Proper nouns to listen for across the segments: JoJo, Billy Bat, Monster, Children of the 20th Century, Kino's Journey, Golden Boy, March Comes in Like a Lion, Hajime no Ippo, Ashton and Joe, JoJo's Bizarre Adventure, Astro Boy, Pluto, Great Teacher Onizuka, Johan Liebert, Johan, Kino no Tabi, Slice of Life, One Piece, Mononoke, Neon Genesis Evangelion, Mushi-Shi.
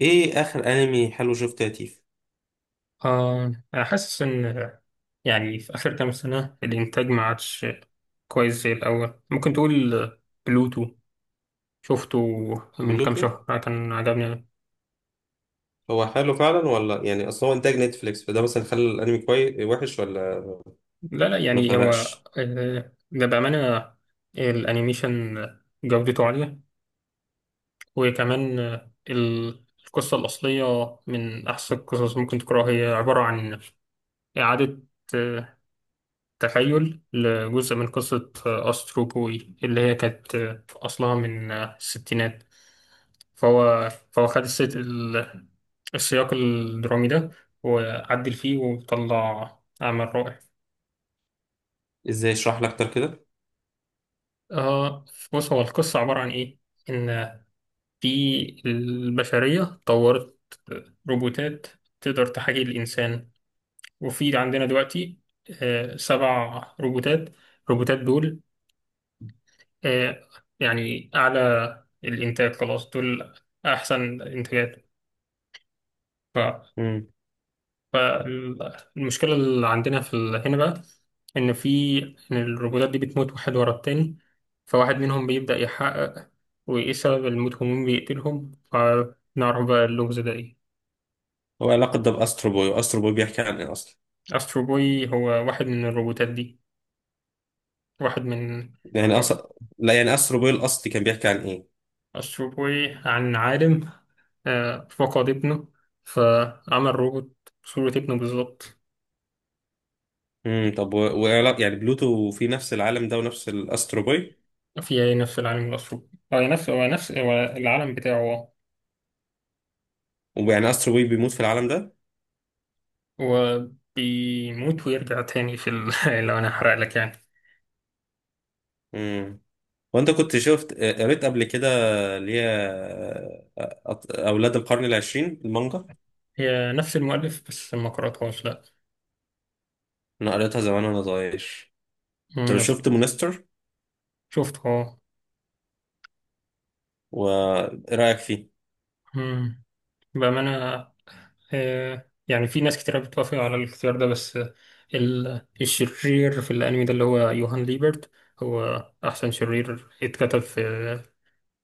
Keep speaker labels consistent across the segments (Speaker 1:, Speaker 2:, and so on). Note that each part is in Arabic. Speaker 1: ايه اخر انمي حلو شفته يا تيف؟
Speaker 2: أنا حاسس إن يعني في آخر كام سنة الإنتاج ما عادش كويس زي الأول. ممكن تقول بلوتو، شفته من كام
Speaker 1: بلوتو.
Speaker 2: شهر، كان عجبني.
Speaker 1: هو حلو فعلا ولا يعني اصل هو انتاج نتفليكس فده مثلا خلى الانمي كويس وحش ولا؟
Speaker 2: لا لا،
Speaker 1: ما
Speaker 2: يعني هو،
Speaker 1: فرقش.
Speaker 2: ده بأمانة الأنيميشن جودته عالية. وكمان، القصة الأصلية من أحسن القصص ممكن تقراها. هي عبارة عن إعادة، آه، تخيل لجزء من قصة أسترو بوي اللي هي كانت في أصلها من الستينات. فهو خد السياق الدرامي ده، وعدل فيه وطلع عمل رائع.
Speaker 1: ازاي اشرح لك اكتر كده؟
Speaker 2: آه بص، هو القصة عبارة عن إيه؟ إن في البشرية طورت روبوتات تقدر تحاكي الإنسان. وفي عندنا دلوقتي سبع روبوتات. الروبوتات دول، آه، يعني أعلى الإنتاج، خلاص دول أحسن إنتاجات. ف-
Speaker 1: امم.
Speaker 2: فالمشكلة اللي عندنا هنا بقى، إن في، إن الروبوتات دي بتموت واحد ورا التاني. فواحد منهم بيبدأ يحقق، وإيه سبب الموت ومين بيقتلهم، فنعرف بقى اللغز ده إيه.
Speaker 1: هو علاقه ده باسترو بوي، واسترو بوي بيحكي عن ايه اصلا؟
Speaker 2: أسترو بوي هو واحد من الروبوتات دي، واحد من.
Speaker 1: يعني
Speaker 2: آه،
Speaker 1: اصلا، لا يعني استرو بوي الاصلي كان بيحكي عن ايه؟
Speaker 2: أسترو بوي عن عالم، فقد ابنه، فعمل روبوت بصورة ابنه بالظبط.
Speaker 1: امم. طب يعني بلوتو في نفس العالم ده ونفس الاسترو بوي؟
Speaker 2: في أي نفس العالم الأسيوطي. هو نفس العالم بتاعه.
Speaker 1: ويعني استرو بوي بيموت في العالم ده؟
Speaker 2: هو بيموت ويرجع تاني لو أنا هحرق لك يعني.
Speaker 1: امم. وانت كنت قريت قبل كده، اللي هي اولاد القرن العشرين المانجا؟
Speaker 2: هي نفس المؤلف، بس ما قرأتهاش، لأ.
Speaker 1: انا قريتها زمان وانا صغير. طب
Speaker 2: مم، بس.
Speaker 1: شفت مونستر؟
Speaker 2: شفته، أه.
Speaker 1: وايه رايك فيه؟
Speaker 2: مم. بأمانة، يعني في ناس كتير بتوافق على الاختيار ده، بس الشرير في الأنمي ده، اللي هو يوهان ليبرت، هو أحسن شرير اتكتب في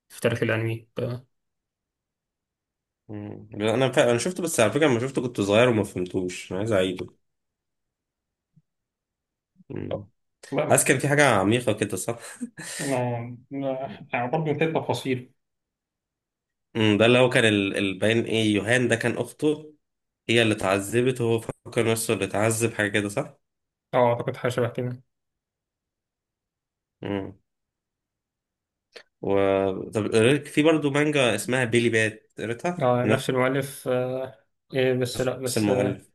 Speaker 2: تاريخ الأنمي.
Speaker 1: مم. لا، انا انا شفته، بس على فكره لما شفته كنت صغير وما فهمتوش، انا عايز اعيده. مم.
Speaker 2: لا
Speaker 1: حاسس كان في حاجه عميقه كده، صح؟
Speaker 2: لا. لا، برضه في تفاصيل.
Speaker 1: مم. ده اللي هو كان الباين، ايه، يوهان ده كان اخته هي اللي اتعذبت وهو فكر نفسه اللي اتعذب، حاجه كده صح؟
Speaker 2: اه، اعتقد حاجة شبه كده.
Speaker 1: مم. و طب في برضه مانجا اسمها بيلي بات، قريتها
Speaker 2: اه،
Speaker 1: من
Speaker 2: نفس المؤلف. إيه، بس لا،
Speaker 1: نفس
Speaker 2: بس.
Speaker 1: المؤلف.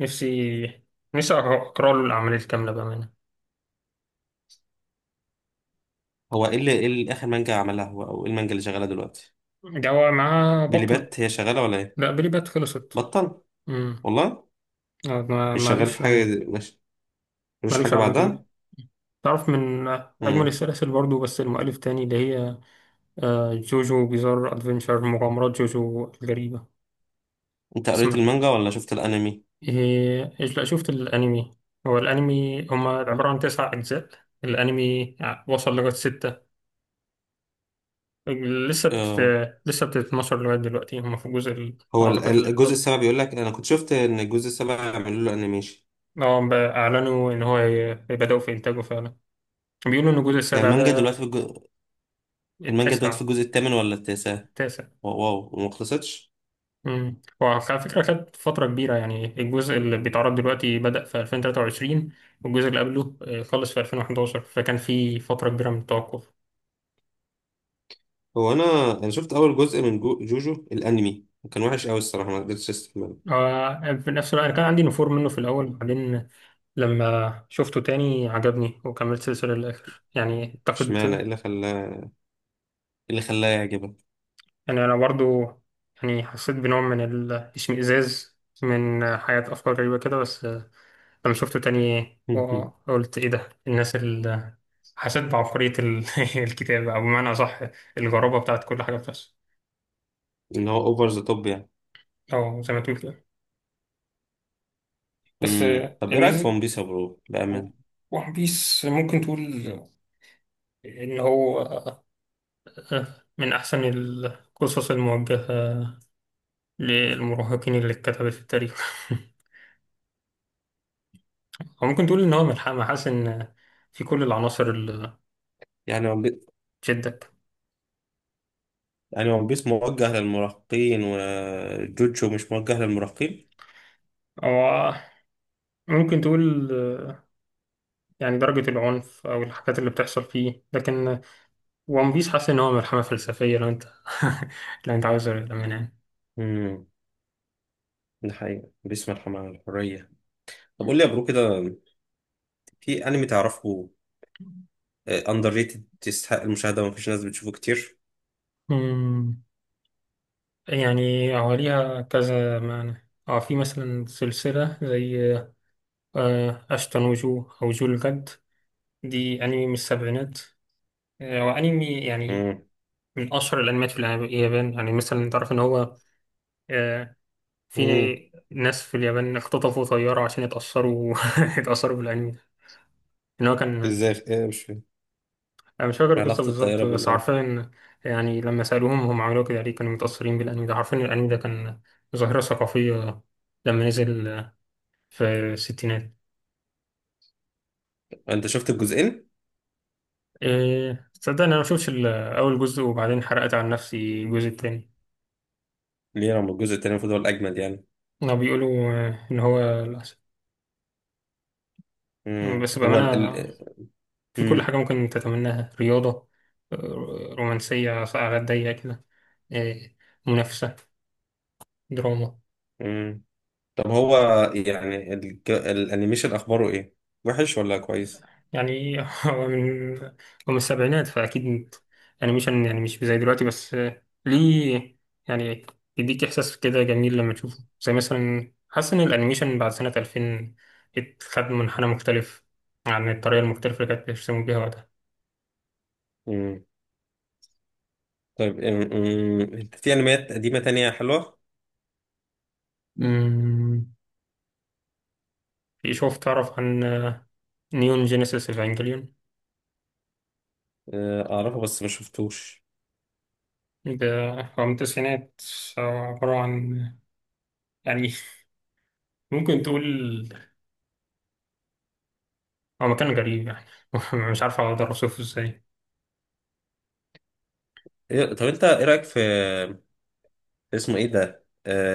Speaker 2: نفسي نفسي أقرأ له الأعمال الكاملة بأمانة.
Speaker 1: هو ايه اللي اخر مانجا عملها هو، او ايه المانجا اللي شغاله دلوقتي؟
Speaker 2: جوا معاه
Speaker 1: بيلي
Speaker 2: بطل.
Speaker 1: بات هي شغاله ولا ايه؟
Speaker 2: لا، بلي بات خلصت.
Speaker 1: بطل؟
Speaker 2: امم.
Speaker 1: والله. مش شغال في
Speaker 2: مالوش،
Speaker 1: حاجة دي- مش مش
Speaker 2: مالوش
Speaker 1: حاجة
Speaker 2: عمل
Speaker 1: بعدها.
Speaker 2: جديد. تعرف من، أجمل
Speaker 1: مم.
Speaker 2: السلاسل برضو، بس المؤلف تاني، اللي هي جوجو بيزار أدفنشر، مغامرات جوجو الغريبة.
Speaker 1: انت قريت
Speaker 2: تسمع
Speaker 1: المانجا ولا شفت الانمي؟
Speaker 2: إيه؟ إيش، لا، شفت الأنمي. هو الأنمي هما عبارة عن تسع أجزاء. الأنمي وصل لغاية ستة. لسه بت...
Speaker 1: اه.
Speaker 2: لسه بتتنشر لغاية دلوقتي. هم في الجزء ال...
Speaker 1: هو
Speaker 2: أعتقد ال
Speaker 1: الجزء
Speaker 2: 11.
Speaker 1: السابع، بيقول لك انا كنت شفت ان الجزء السابع عملوا له انيميشن.
Speaker 2: اه، بقى أعلنوا إن هو هيبدأوا في إنتاجه فعلا. بيقولوا إن الجزء
Speaker 1: هي
Speaker 2: السابع ده
Speaker 1: المانجا دلوقتي في المانجا دلوقتي في
Speaker 2: التاسع
Speaker 1: الجزء الثامن ولا التاسع؟
Speaker 2: التاسع
Speaker 1: واو واو، وما خلصتش.
Speaker 2: امم، وعلى فكرة خد فترة كبيرة. يعني الجزء اللي بيتعرض دلوقتي بدأ في 2023، والجزء اللي قبله، خلص في 2011، فكان في فترة كبيرة من التوقف.
Speaker 1: هو انا شفت اول جزء من جوجو الانمي، وكان وحش قوي الصراحة، ما قدرتش استحمله.
Speaker 2: في نفس الوقت أنا كان عندي نفور منه في الأول، بعدين لما شفته تاني عجبني وكملت السلسلة للآخر يعني،
Speaker 1: اشمعنى، ايه
Speaker 2: أعتقد.
Speaker 1: اللي خلاه، ايه اللي خلاه يعجبك؟
Speaker 2: يعني أنا برضو، يعني حسيت بنوع من الاشمئزاز من حياة أفكار غريبة كده، بس لما شفته تاني قلت إيه ده الناس اللي. حسيت بعبقرية ال- الكتاب، أو بمعنى أصح، الغرابة بتاعت كل حاجة بتحصل.
Speaker 1: ان هو اوفر ذا توب يعني.
Speaker 2: أو زي ما تقول كده. بس
Speaker 1: امم. طب ايه رايك في
Speaker 2: الميزة،
Speaker 1: ون بيس يا برو بامان؟
Speaker 2: ون بيس ممكن تقول إن هو من أحسن القصص الموجهة للمراهقين اللي اتكتبت في التاريخ. هو ممكن تقول ان هو محاس ان في كل العناصر اللي
Speaker 1: يعني،
Speaker 2: تشدك.
Speaker 1: يعني ون بيس موجه للمراهقين وجوجو مش موجه للمراهقين؟
Speaker 2: او ممكن تقول، آه، يعني درجة العنف او الحاجات اللي بتحصل فيه، لكن ون بيس حاسس ان هو ملحمة فلسفية لو انت لو انت عاوز منها يعني.
Speaker 1: امم. ده حقيقة بيس مرحمة عن الحرية. طب قول لي يا برو كده، في انمي تعرفه اندر ريتد يستحق المشاهدة ومفيش ناس بتشوفه كتير؟
Speaker 2: أمم، يعني هو ليها كذا معنى. اه في مثلا سلسلة زي، أشتون وجو، أو جو الجد. دي أنمي من السبعينات، وأنمي يعني
Speaker 1: امم.
Speaker 2: من أشهر الأنميات في اليابان. يعني مثلا تعرف إن هو، آه، في
Speaker 1: امم.
Speaker 2: ناس في اليابان اختطفوا طيارة عشان يتأثروا يتأثروا بالأنمي ده. إن هو كان،
Speaker 1: ازاي، ايه؟ مش فاهم
Speaker 2: أنا مش فاكر القصة
Speaker 1: علاقة
Speaker 2: بالظبط،
Speaker 1: الطيارة
Speaker 2: بس
Speaker 1: بالانمي.
Speaker 2: عارفين يعني، لما سألوهم هم عملوه كده ليه، كانوا متأثرين بالأنمي ده. عارفين الأنمي ده كان ظاهرة ثقافية لما نزل في الستينات.
Speaker 1: انت شفت الجزئين؟
Speaker 2: إيه، تصدق إن أنا مشوفش أول جزء، وبعدين حرقت على نفسي الجزء التاني.
Speaker 1: ليه؟ رغم الجزء التاني المفروض هو الاجمد يعني.
Speaker 2: هما بيقولوا، إن هو الأحسن.
Speaker 1: امم.
Speaker 2: بس
Speaker 1: هو
Speaker 2: بأمانة، في كل
Speaker 1: امم.
Speaker 2: حاجة ممكن تتمناها: رياضة، آه، رومانسية، ساعات ضيقة كده، آه، منافسة، دراما.
Speaker 1: امم. طب هو يعني الانيميشن اخباره ايه؟ وحش ولا كويس؟
Speaker 2: يعني هو من هو من السبعينات، فأكيد أنيميشن يعني مش زي دلوقتي، بس ليه، يعني يديك إحساس كده جميل لما تشوفه. زي مثلا حاسس إن الأنيميشن بعد سنة 2000 اتخذ منحنى مختلف عن الطريقة المختلفة اللي كانت بيرسموا بيها وقتها.
Speaker 1: طيب، أم- أم، انت في انميات قديمة تانية حلوة؟
Speaker 2: أمم، في، شوف، تعرف عن، نيون جينيسيس إيفانجيليون؟
Speaker 1: آه، اعرفها بس ما شفتوش.
Speaker 2: ده هو من التسعينات. هو عبارة عن، يعني، ممكن تقول هو مكان غريب يعني، مش عارف أقدر أوصفه إزاي.
Speaker 1: طب انت ايه رأيك في، اسمه ايه ده،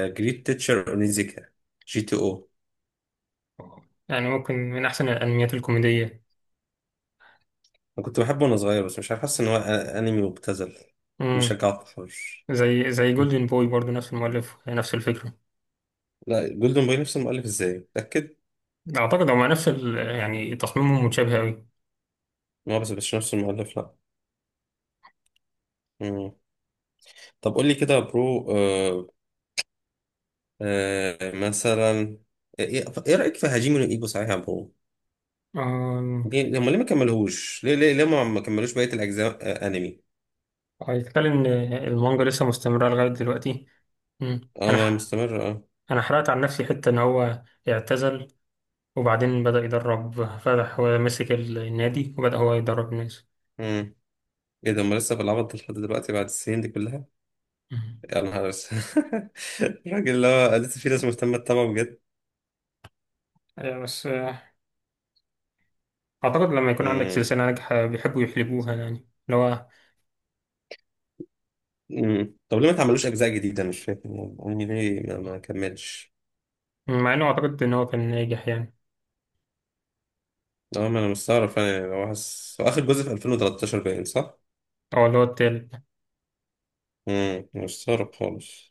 Speaker 1: جريت تيتشر اونيزيكا، جي تي او؟
Speaker 2: يعني ممكن من أحسن الأنميات الكوميدية.
Speaker 1: انا كنت بحبه وانا صغير، بس مش عارف، حاسس ان هو انمي مبتذل
Speaker 2: امم.
Speaker 1: بيشجع التحرش.
Speaker 2: زي جولدن بوي برضه، نفس المؤلف، نفس الفكرة.
Speaker 1: لا، جولدن بوي نفس المؤلف، ازاي، متأكد؟
Speaker 2: أعتقد هما نفس ال... يعني تصميمهم متشابه أوي.
Speaker 1: ما هو بس مش نفس المؤلف، لا. مم. طب قول لي كده يا برو، مثلا إيه رأيك في هاجيمي نو ايبو، صحيح يا برو؟
Speaker 2: أمم،
Speaker 1: ليه هم، ليه ما كملوهوش، ليه ما كملوش بقية الأجزاء؟ أنمي.
Speaker 2: هيتكلم إن المانجا لسه مستمرة لغاية دلوقتي. امم.
Speaker 1: اه، ما مستمر، اه.
Speaker 2: أنا حرقت عن نفسي حتة إن هو اعتزل، وبعدين بدأ يدرب، فتح ومسك النادي وبدأ هو يدرب الناس.
Speaker 1: امم. ايه ده، هم لسه بالعبط ده لحد دلوقتي بعد السنين دي كلها؟
Speaker 2: مم.
Speaker 1: يا نهار أسود. الراجل اللي هو لسه في ناس مهتمة تتابعه بجد؟
Speaker 2: بس، أعتقد لما يكون عندك
Speaker 1: امم.
Speaker 2: سلسلة ناجحة بيحبوا يحلبوها يعني، اللي هو،
Speaker 1: امم. طب ليه ما تعملوش أجزاء جديدة؟ أنا مش فاهم، أنمي ليه ما كملش.
Speaker 2: مع إنه أعتقد إن هو كان ناجح يعني.
Speaker 1: اه، ما أنا مستغرب فعلا، يعني هو حاسس هو آخر جزء في 2013 باين، صح؟
Speaker 2: أو اللي هو التالت.
Speaker 1: امم. مستغرب خالص.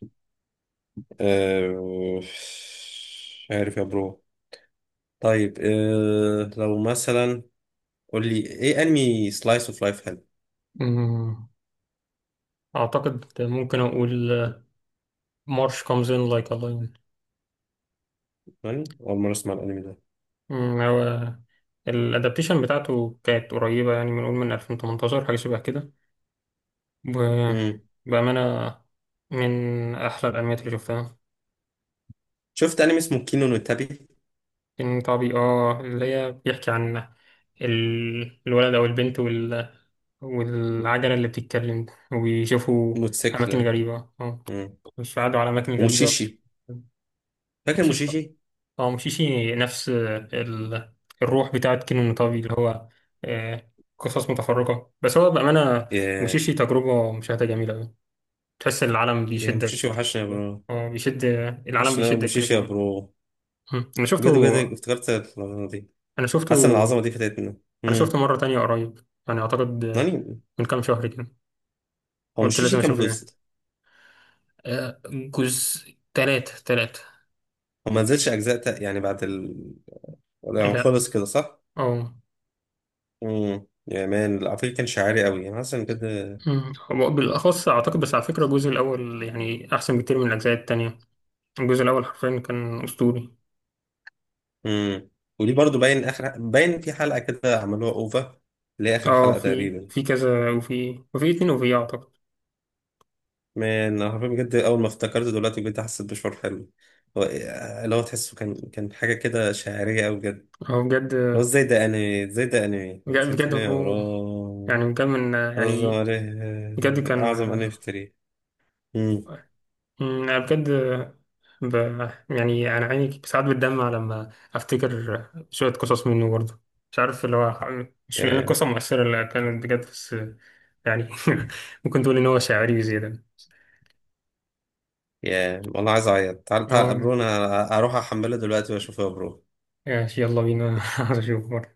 Speaker 1: مش عارف يا برو. طيب لو مثلا، قول لي ايه انمي سلايس اوف لايف حلو.
Speaker 2: مم. أعتقد ممكن أقول، مارش comes in like a lion.
Speaker 1: يعني اول مره اسمع الانمي ده.
Speaker 2: مم، هو الأدابتيشن بتاعته كانت قريبة يعني، بنقول من 2018 حاجة شبه كده.
Speaker 1: امم.
Speaker 2: وبأمانة من أحلى الأنميات اللي شفتها.
Speaker 1: شفت انمي اسمه كينو نو تابي؟
Speaker 2: فيلم طبي، اه، اللي هي بيحكي عن الولد أو البنت، وال... والعجلة اللي بتتكلم وبيشوفوا أماكن
Speaker 1: موتوسيكل.
Speaker 2: غريبة. اه،
Speaker 1: امم.
Speaker 2: مش قعدوا على أماكن غريبة.
Speaker 1: وموشيشي، فاكر
Speaker 2: مشيش،
Speaker 1: موشيشي؟
Speaker 2: اه، مشيشي نفس ال... الروح بتاعت كينو طبي، اللي هو، آه، قصص متفرقة. بس هو بأمانة،
Speaker 1: ياه.
Speaker 2: مشيشي تجربة مشاهدة جميلة أوي، تحس العالم
Speaker 1: يا
Speaker 2: بيشدك
Speaker 1: موشيشي، وحشنا يا
Speaker 2: جوه.
Speaker 1: برو.
Speaker 2: اه، بيشد، العالم
Speaker 1: وحشنا أوي
Speaker 2: بيشدك كده
Speaker 1: موشيشي يا
Speaker 2: جوه.
Speaker 1: برو،
Speaker 2: م. أنا
Speaker 1: بجد
Speaker 2: شفته.
Speaker 1: بجد افتكرت العظمه دي.
Speaker 2: أنا شفته.
Speaker 1: حاسس ان العظمه دي فاتتنا.
Speaker 2: انا شفته
Speaker 1: امم.
Speaker 2: مره تانية قريب، يعني اعتقد،
Speaker 1: يعني
Speaker 2: من كام شهر كده،
Speaker 1: هو
Speaker 2: قلت
Speaker 1: موشيشي
Speaker 2: لازم
Speaker 1: كام
Speaker 2: اشوفه تاني.
Speaker 1: جزء؟
Speaker 2: جزء تلاتة تلاتة.
Speaker 1: هو ما نزلش اجزاء يعني بعد يعني
Speaker 2: لا.
Speaker 1: خلص كده، صح؟
Speaker 2: اه.
Speaker 1: امم. يا مان، على فكره كان شعري قوي، انا حاسس ان كده.
Speaker 2: هو بالاخص اعتقد، بس على فكره الجزء الاول يعني احسن بكتير من الاجزاء التانية. الجزء الاول حرفيا كان اسطوري.
Speaker 1: امم. ودي برضو باين، اخر باين في حلقه كده عملوها اوفا، اللي هي اخر
Speaker 2: اه،
Speaker 1: حلقه
Speaker 2: في،
Speaker 1: تقريبا.
Speaker 2: كذا، وفي، اتنين، وفي، اه، اعتقد.
Speaker 1: مان، انا حرفيا بجد اول ما افتكرت دلوقتي بجد حسيت بشعور حلو. هو- إيه- اللي هو تحسه كان حاجه كده شاعريه قوي بجد، اللي
Speaker 2: هو بجد،
Speaker 1: هو ازاي ده انمي، ازاي ده انمي
Speaker 2: بجد بجد
Speaker 1: نسيتني يا
Speaker 2: برو، يعني
Speaker 1: رب.
Speaker 2: بجد من يعني، بجد كان.
Speaker 1: اعظم انمي في التاريخ. امم.
Speaker 2: أنا بجد، ب... يعني أنا عيني ساعات بتدمع لما أفتكر شوية قصص منه برضه. مش عارف اللي هو، مش من
Speaker 1: يا
Speaker 2: القصة المؤثرة اللي كانت بجد، بس يعني ممكن تقول إن هو شاعري بزيادة.
Speaker 1: يا والله عايز اعيط. تعال تعال يا
Speaker 2: اه،
Speaker 1: برو، انا اروح احمله دلوقتي واشوفه يا برو.
Speaker 2: ماشي، يلا بينا. عايز أشوفه.